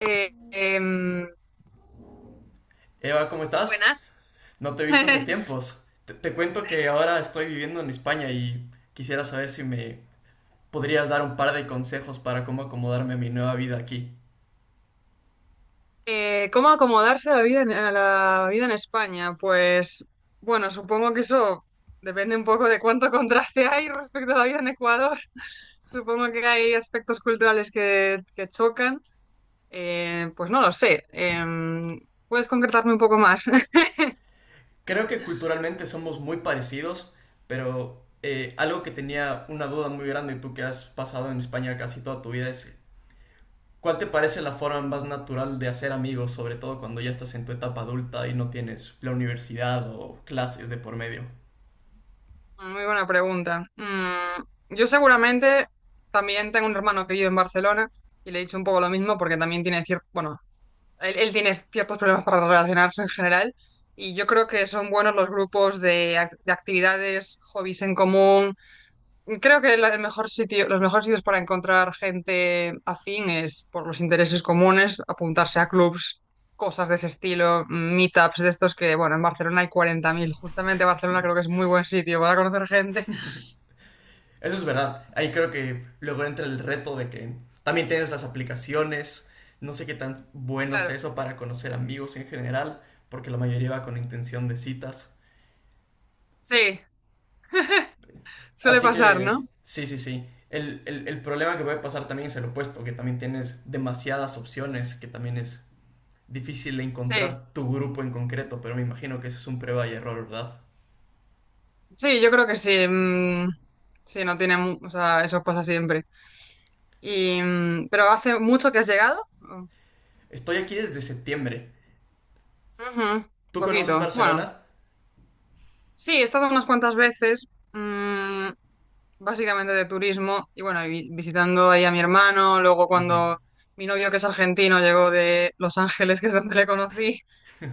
Eh, em, Eva, ¿cómo estás? Buenas. No te he visto hace tiempos. Te cuento que ahora estoy viviendo en España y quisiera saber si me podrías dar un par de consejos para cómo acomodarme a mi nueva vida aquí. ¿Cómo acomodarse a la vida en España? Pues bueno, supongo que eso depende un poco de cuánto contraste hay respecto a la vida en Ecuador. Supongo que hay aspectos culturales que chocan. Pues no lo sé. ¿Puedes concretarme un poco más? Creo que culturalmente somos muy parecidos, pero algo que tenía una duda muy grande, tú que has pasado en España casi toda tu vida, es ¿cuál te parece la forma más natural de hacer amigos, sobre todo cuando ya estás en tu etapa adulta y no tienes la universidad o clases de por medio? Muy buena pregunta. Yo seguramente también tengo un hermano que vive en Barcelona y le he dicho un poco lo mismo porque también tiene cierto, bueno, él tiene ciertos problemas para relacionarse en general y yo creo que son buenos los grupos de actividades, hobbies en común. Creo que el mejor sitio, los mejores sitios para encontrar gente afín es por los intereses comunes, apuntarse a clubs, cosas de ese estilo, meetups de estos que, bueno, en Barcelona hay 40.000. Justamente Barcelona creo que es muy buen sitio para conocer gente. Eso es verdad. Ahí creo que luego entra el reto de que también tienes las aplicaciones. No sé qué tan bueno es Claro, eso para conocer amigos en general, porque la mayoría va con intención de citas. sí, suele Así pasar, ¿no? que, sí, sí, sí. El problema que puede pasar también es el opuesto, que también tienes demasiadas opciones, que también es difícil Sí, encontrar tu grupo en concreto, pero me imagino que eso es un prueba y error, ¿verdad? sí, yo creo que sí. Mm, sí, no tiene, o sea, eso pasa siempre. Y, pero hace mucho que has llegado. Estoy aquí desde septiembre. Ujú, ¿Tú conoces poquito. Bueno, Barcelona? sí, he estado unas cuantas veces, mm, básicamente de turismo, y bueno, y visitando ahí a mi hermano, luego Ujú, cuando mi novio, que es argentino, llegó de Los Ángeles, que es donde le conocí,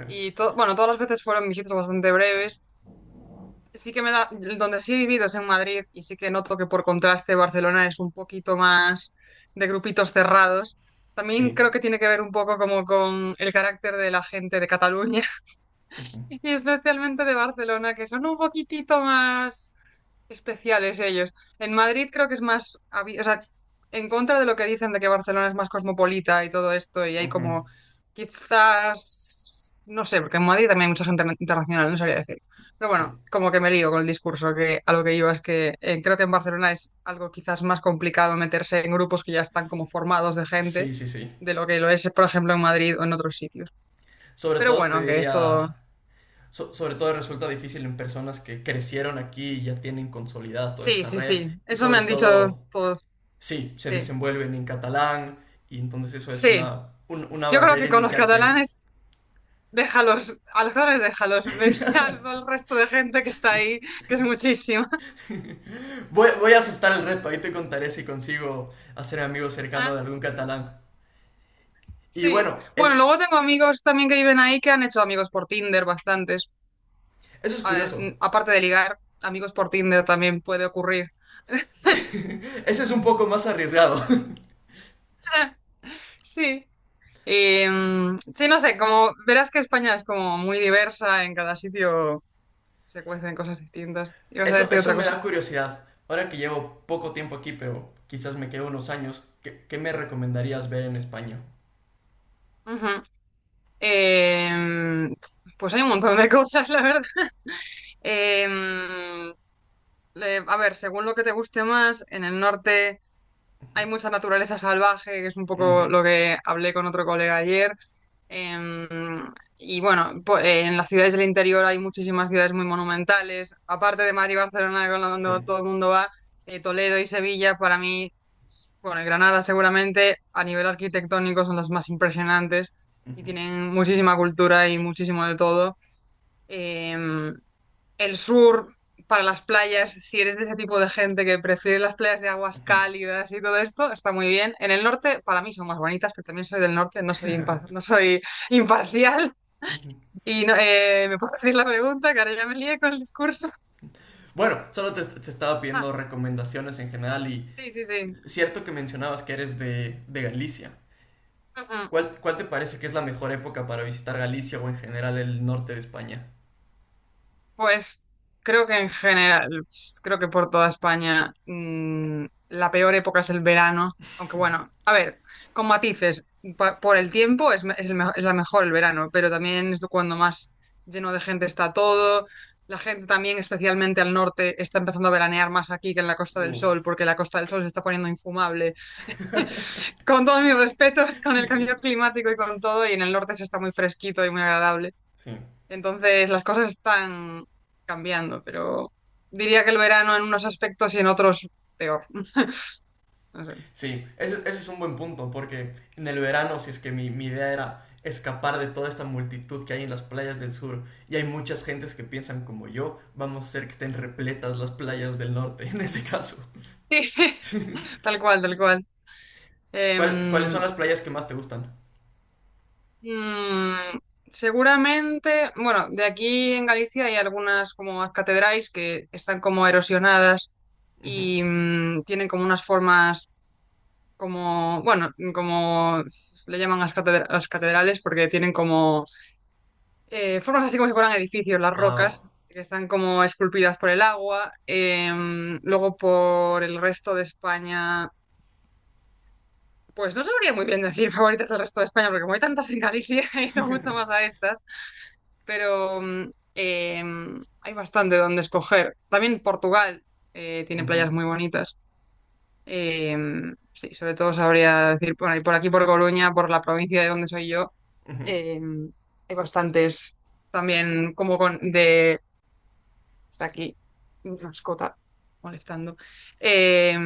y todo, bueno, todas las veces fueron visitas bastante breves. Sí que me da, donde sí he vivido es en Madrid y sí que noto que por contraste Barcelona es un poquito más de grupitos cerrados. También sí. creo que tiene que ver un poco como con el carácter de la gente de Cataluña y especialmente de Barcelona, que son un poquitito más especiales ellos. En Madrid creo que es más, o sea, en contra de lo que dicen de que Barcelona es más cosmopolita y todo esto, y hay Ujú, como quizás, no sé, porque en Madrid también hay mucha gente internacional, no sabría decir. Pero sí. bueno, como que me lío con el discurso, que a lo que iba es que creo que en Barcelona es algo quizás más complicado meterse en grupos que ya están como formados de gente, Sí, sí, sí. de lo que lo es, por ejemplo, en Madrid o en otros sitios. Sobre Pero todo te bueno, que esto, diría, sobre todo resulta difícil en personas que crecieron aquí y ya tienen consolidada toda sí, esa sí, red sí, y eso me sobre han dicho todo, todos, sí, se sí, desenvuelven en catalán y entonces eso es sí. una, una Yo creo barrera que con los inicial que... catalanes, déjalos, a los catalanes déjalos, vete al resto de gente que está ahí, que es muchísima. Voy a aceptar el reto, ahí te contaré si consigo hacer amigo cercano de algún catalán. Y Sí. bueno, Bueno, luego tengo amigos también que viven ahí que han hecho amigos por Tinder, bastantes. eso es curioso. Aparte de ligar, amigos por Tinder también puede ocurrir. Eso es un poco más arriesgado. Sí. Y, sí, no sé, como verás que España es como muy diversa, en cada sitio se cuecen cosas distintas. ¿Ibas a Eso, decir eso otra me cosa? da curiosidad. Ahora que llevo poco tiempo aquí, pero quizás me quedo unos años, ¿qué, qué me recomendarías ver en España? Ujú. Em, pues hay un montón de cosas, la verdad. Em, a ver, según lo que te guste más, en el norte hay mucha naturaleza salvaje, que es un poco Ujú, lo que hablé con otro colega ayer. Em, y bueno, en las ciudades del interior hay muchísimas ciudades muy monumentales. Aparte de Madrid y Barcelona, donde sí. todo el mundo va, Toledo y Sevilla, para mí, bueno, y Granada seguramente, a nivel arquitectónico son las más impresionantes y tienen muchísima cultura y muchísimo de todo. Em, el sur para las playas, si eres de ese tipo de gente que prefiere las playas de aguas Ujú. cálidas y todo esto, está muy bien. En el norte, para mí son más bonitas, pero también soy del norte, no soy imparcial. Y no, ¿me puedo decir la pregunta? Que ahora ya me lié con el discurso. Bueno, solo te, te estaba Ah, pidiendo recomendaciones en general y sí, sí, sí. cierto que mencionabas que eres de Galicia. Ujú. ¿Cuál, cuál te parece que es la mejor época para visitar Galicia o en general el norte de España? Pues creo que en general, pues, creo que por toda España la peor época es el verano, aunque bueno, a ver, con matices, por el tiempo es, me- es el me- es la mejor el verano, pero también es cuando más lleno de gente está todo. La gente también, especialmente al norte, está empezando a veranear más aquí que en la Costa del Uf, Sol, porque la Costa del Sol se está poniendo infumable. Con todos mis respetos, con el cambio climático y con todo, y en el norte se está muy fresquito y muy agradable. sí. Entonces las cosas están cambiando, pero diría que el verano en unos aspectos y en otros peor. No, no sé. Sí, ese es un buen punto, porque en el verano, si es que mi idea era escapar de toda esta multitud que hay en las playas del sur, y hay muchas gentes que piensan como yo, vamos a hacer que estén repletas las playas del norte, en ese caso. Sí, tal cual, tal cual. ¿Cuál- ¿Cuáles son Em, las playas que más te gustan? mm, Seguramente, bueno, de aquí en Galicia hay algunas como catedrales que están como erosionadas Ujú. y tienen como unas formas como, bueno, como le llaman las catedrales porque tienen como formas así como si fueran edificios, las Wow. rocas, que están como esculpidas por el agua. Luego por el resto de España, pues no sabría muy bien decir favoritas del resto de España, porque como hay tantas en Galicia, he ido mucho más a estas, pero hay bastante donde escoger. También Portugal tiene Ujú, playas muy bonitas. Sí, sobre todo sabría decir, bueno, y por aquí, por Coruña, por la provincia de donde soy yo, ujú. em, hay bastantes también como con, de. Está aquí mi mascota molestando. Eh,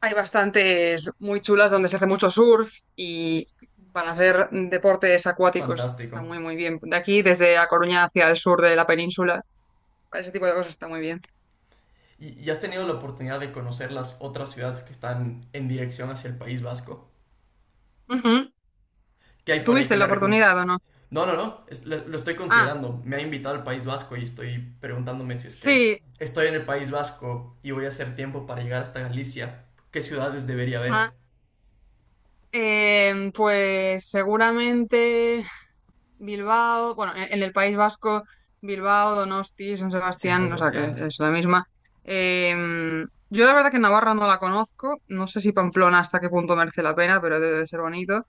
Hay bastantes muy chulas donde se hace mucho surf y para hacer deportes acuáticos está Fantástico. muy, muy bien. De aquí, desde A Coruña hacia el sur de la península, para ese tipo de cosas está muy bien. Y has tenido la oportunidad de conocer las otras ciudades que están en dirección hacia el País Vasco? Ujú. ¿Qué hay por ahí ¿Tuviste que me la oportunidad o no? No, no, no, lo estoy Ah, considerando. Me ha invitado al País Vasco y estoy preguntándome si es que sí. estoy en el País Vasco y voy a hacer tiempo para llegar hasta Galicia. ¿Qué ciudades debería ver? Ajá. Pues seguramente Bilbao, bueno, en el País Vasco, Bilbao, Donosti, San Sí, San Sebastián, o sea que Sebastián. es la misma. Yo la verdad que Navarra no la conozco, no sé si Pamplona hasta qué punto merece la pena, pero debe de ser bonito.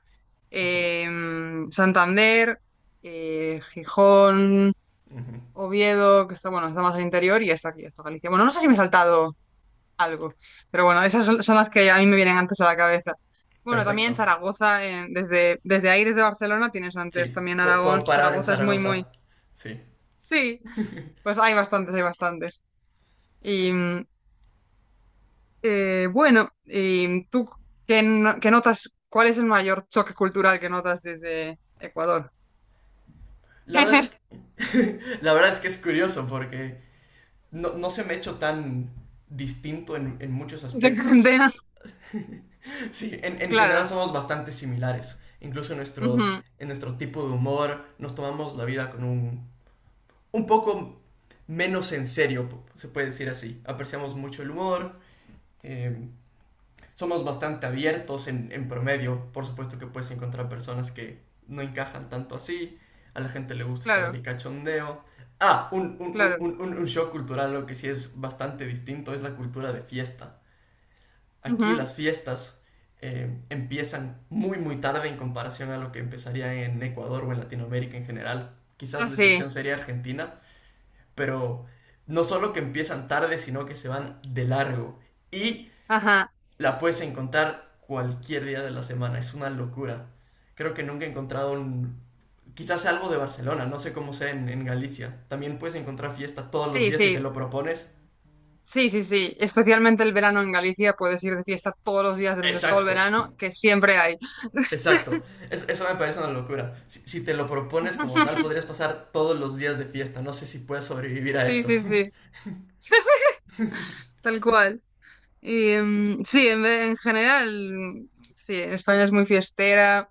Santander, Gijón, Ujú, Oviedo, que está, bueno, está más al interior y está aquí, está Galicia. Bueno, no sé si me he saltado algo. Pero bueno, esas son, son las que a mí me vienen antes a la cabeza. Bueno, también perfecto. Zaragoza, desde ahí, desde Barcelona, tienes Sí, antes también Aragón. puedo parar en Zaragoza es muy, muy... Zaragoza. Sí. Sí, pues hay bastantes, hay bastantes. Y bueno, y tú, ¿qué, no- qué notas? ¿Cuál es el mayor choque cultural que notas desde Ecuador? La verdad es que, la verdad es que es curioso porque no, no se me ha hecho tan distinto en muchos de aspectos. condena. Sí, en general Claro, somos bastante similares. Incluso ujú, en nuestro tipo de humor nos tomamos la vida con un poco menos en serio, se puede decir así. Apreciamos mucho el sí, humor, eh, somos bastante abiertos en promedio. Por supuesto que puedes encontrar personas que no encajan tanto así. A la gente le gusta estar claro, de cachondeo. Ah, un, un, claro. un, un, un show cultural, lo que sí es bastante distinto, es la cultura de fiesta. Aquí Ujú, las fiestas empiezan muy muy tarde en comparación a lo que empezaría en Ecuador o en Latinoamérica en general. Quizás la excepción así, sería Argentina, pero no solo que empiezan tarde, sino que se van de largo. Y ajá, la puedes encontrar cualquier día de la semana, es una locura. Creo que nunca he encontrado un... Quizás sea algo de Barcelona, no sé cómo sea en Galicia. También puedes encontrar fiesta todos los sí, días si te sí. lo propones. Sí, sí, sí, especialmente el verano en Galicia, puedes ir de fiesta todos los días durante todo el Exacto, verano, que siempre hay. exacto, eso me parece una locura. Si, si te lo propones como tal, podrías pasar todos los días de fiesta. No sé si puedes sobrevivir a Sí, eso. sí, sí, tal cual. Y sí, en general, mm, sí, España es muy fiestera.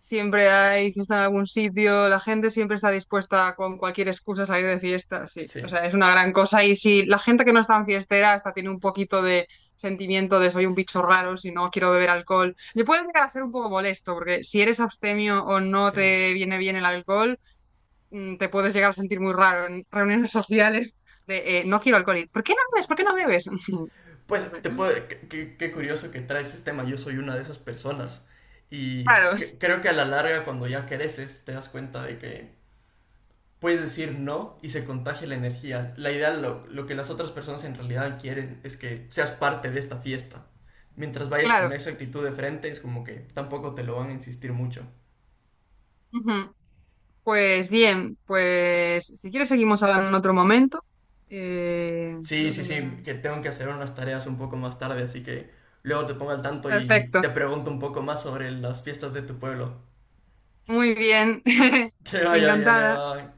Siempre hay fiesta en algún sitio, la gente siempre está dispuesta con cualquier excusa a salir de fiesta, sí. O Sí, sea, es una gran cosa. Y si la gente que no es tan fiestera hasta tiene un poquito de sentimiento de soy un bicho raro, si no quiero beber alcohol, le puede llegar a ser un poco molesto, porque si eres abstemio o no sí. te viene bien el alcohol, te puedes llegar a sentir muy raro en reuniones sociales de no quiero alcohol. ¿Y por qué no bebes? ¿Por qué no bebes? Pues te puedo, qué, qué curioso que traes ese tema. Yo soy una de esas personas. Y Claro, creo que a la larga, cuando ya creces, te das cuenta de que puedes decir no y se contagia la energía. La idea, lo que las otras personas en realidad quieren es que seas parte de esta fiesta. Mientras vayas con claro. esa actitud de frente, es como que tampoco te lo van a insistir mucho. Ujú. Pues bien, pues si quieres seguimos hablando en otro momento. Sí, Creo sí, que ya. sí, que tengo que hacer unas tareas un poco más tarde, así que luego te pongo al tanto y Perfecto. te pregunto un poco más sobre las fiestas de tu pueblo. Muy bien. Que vaya bien, Encantada. Eva.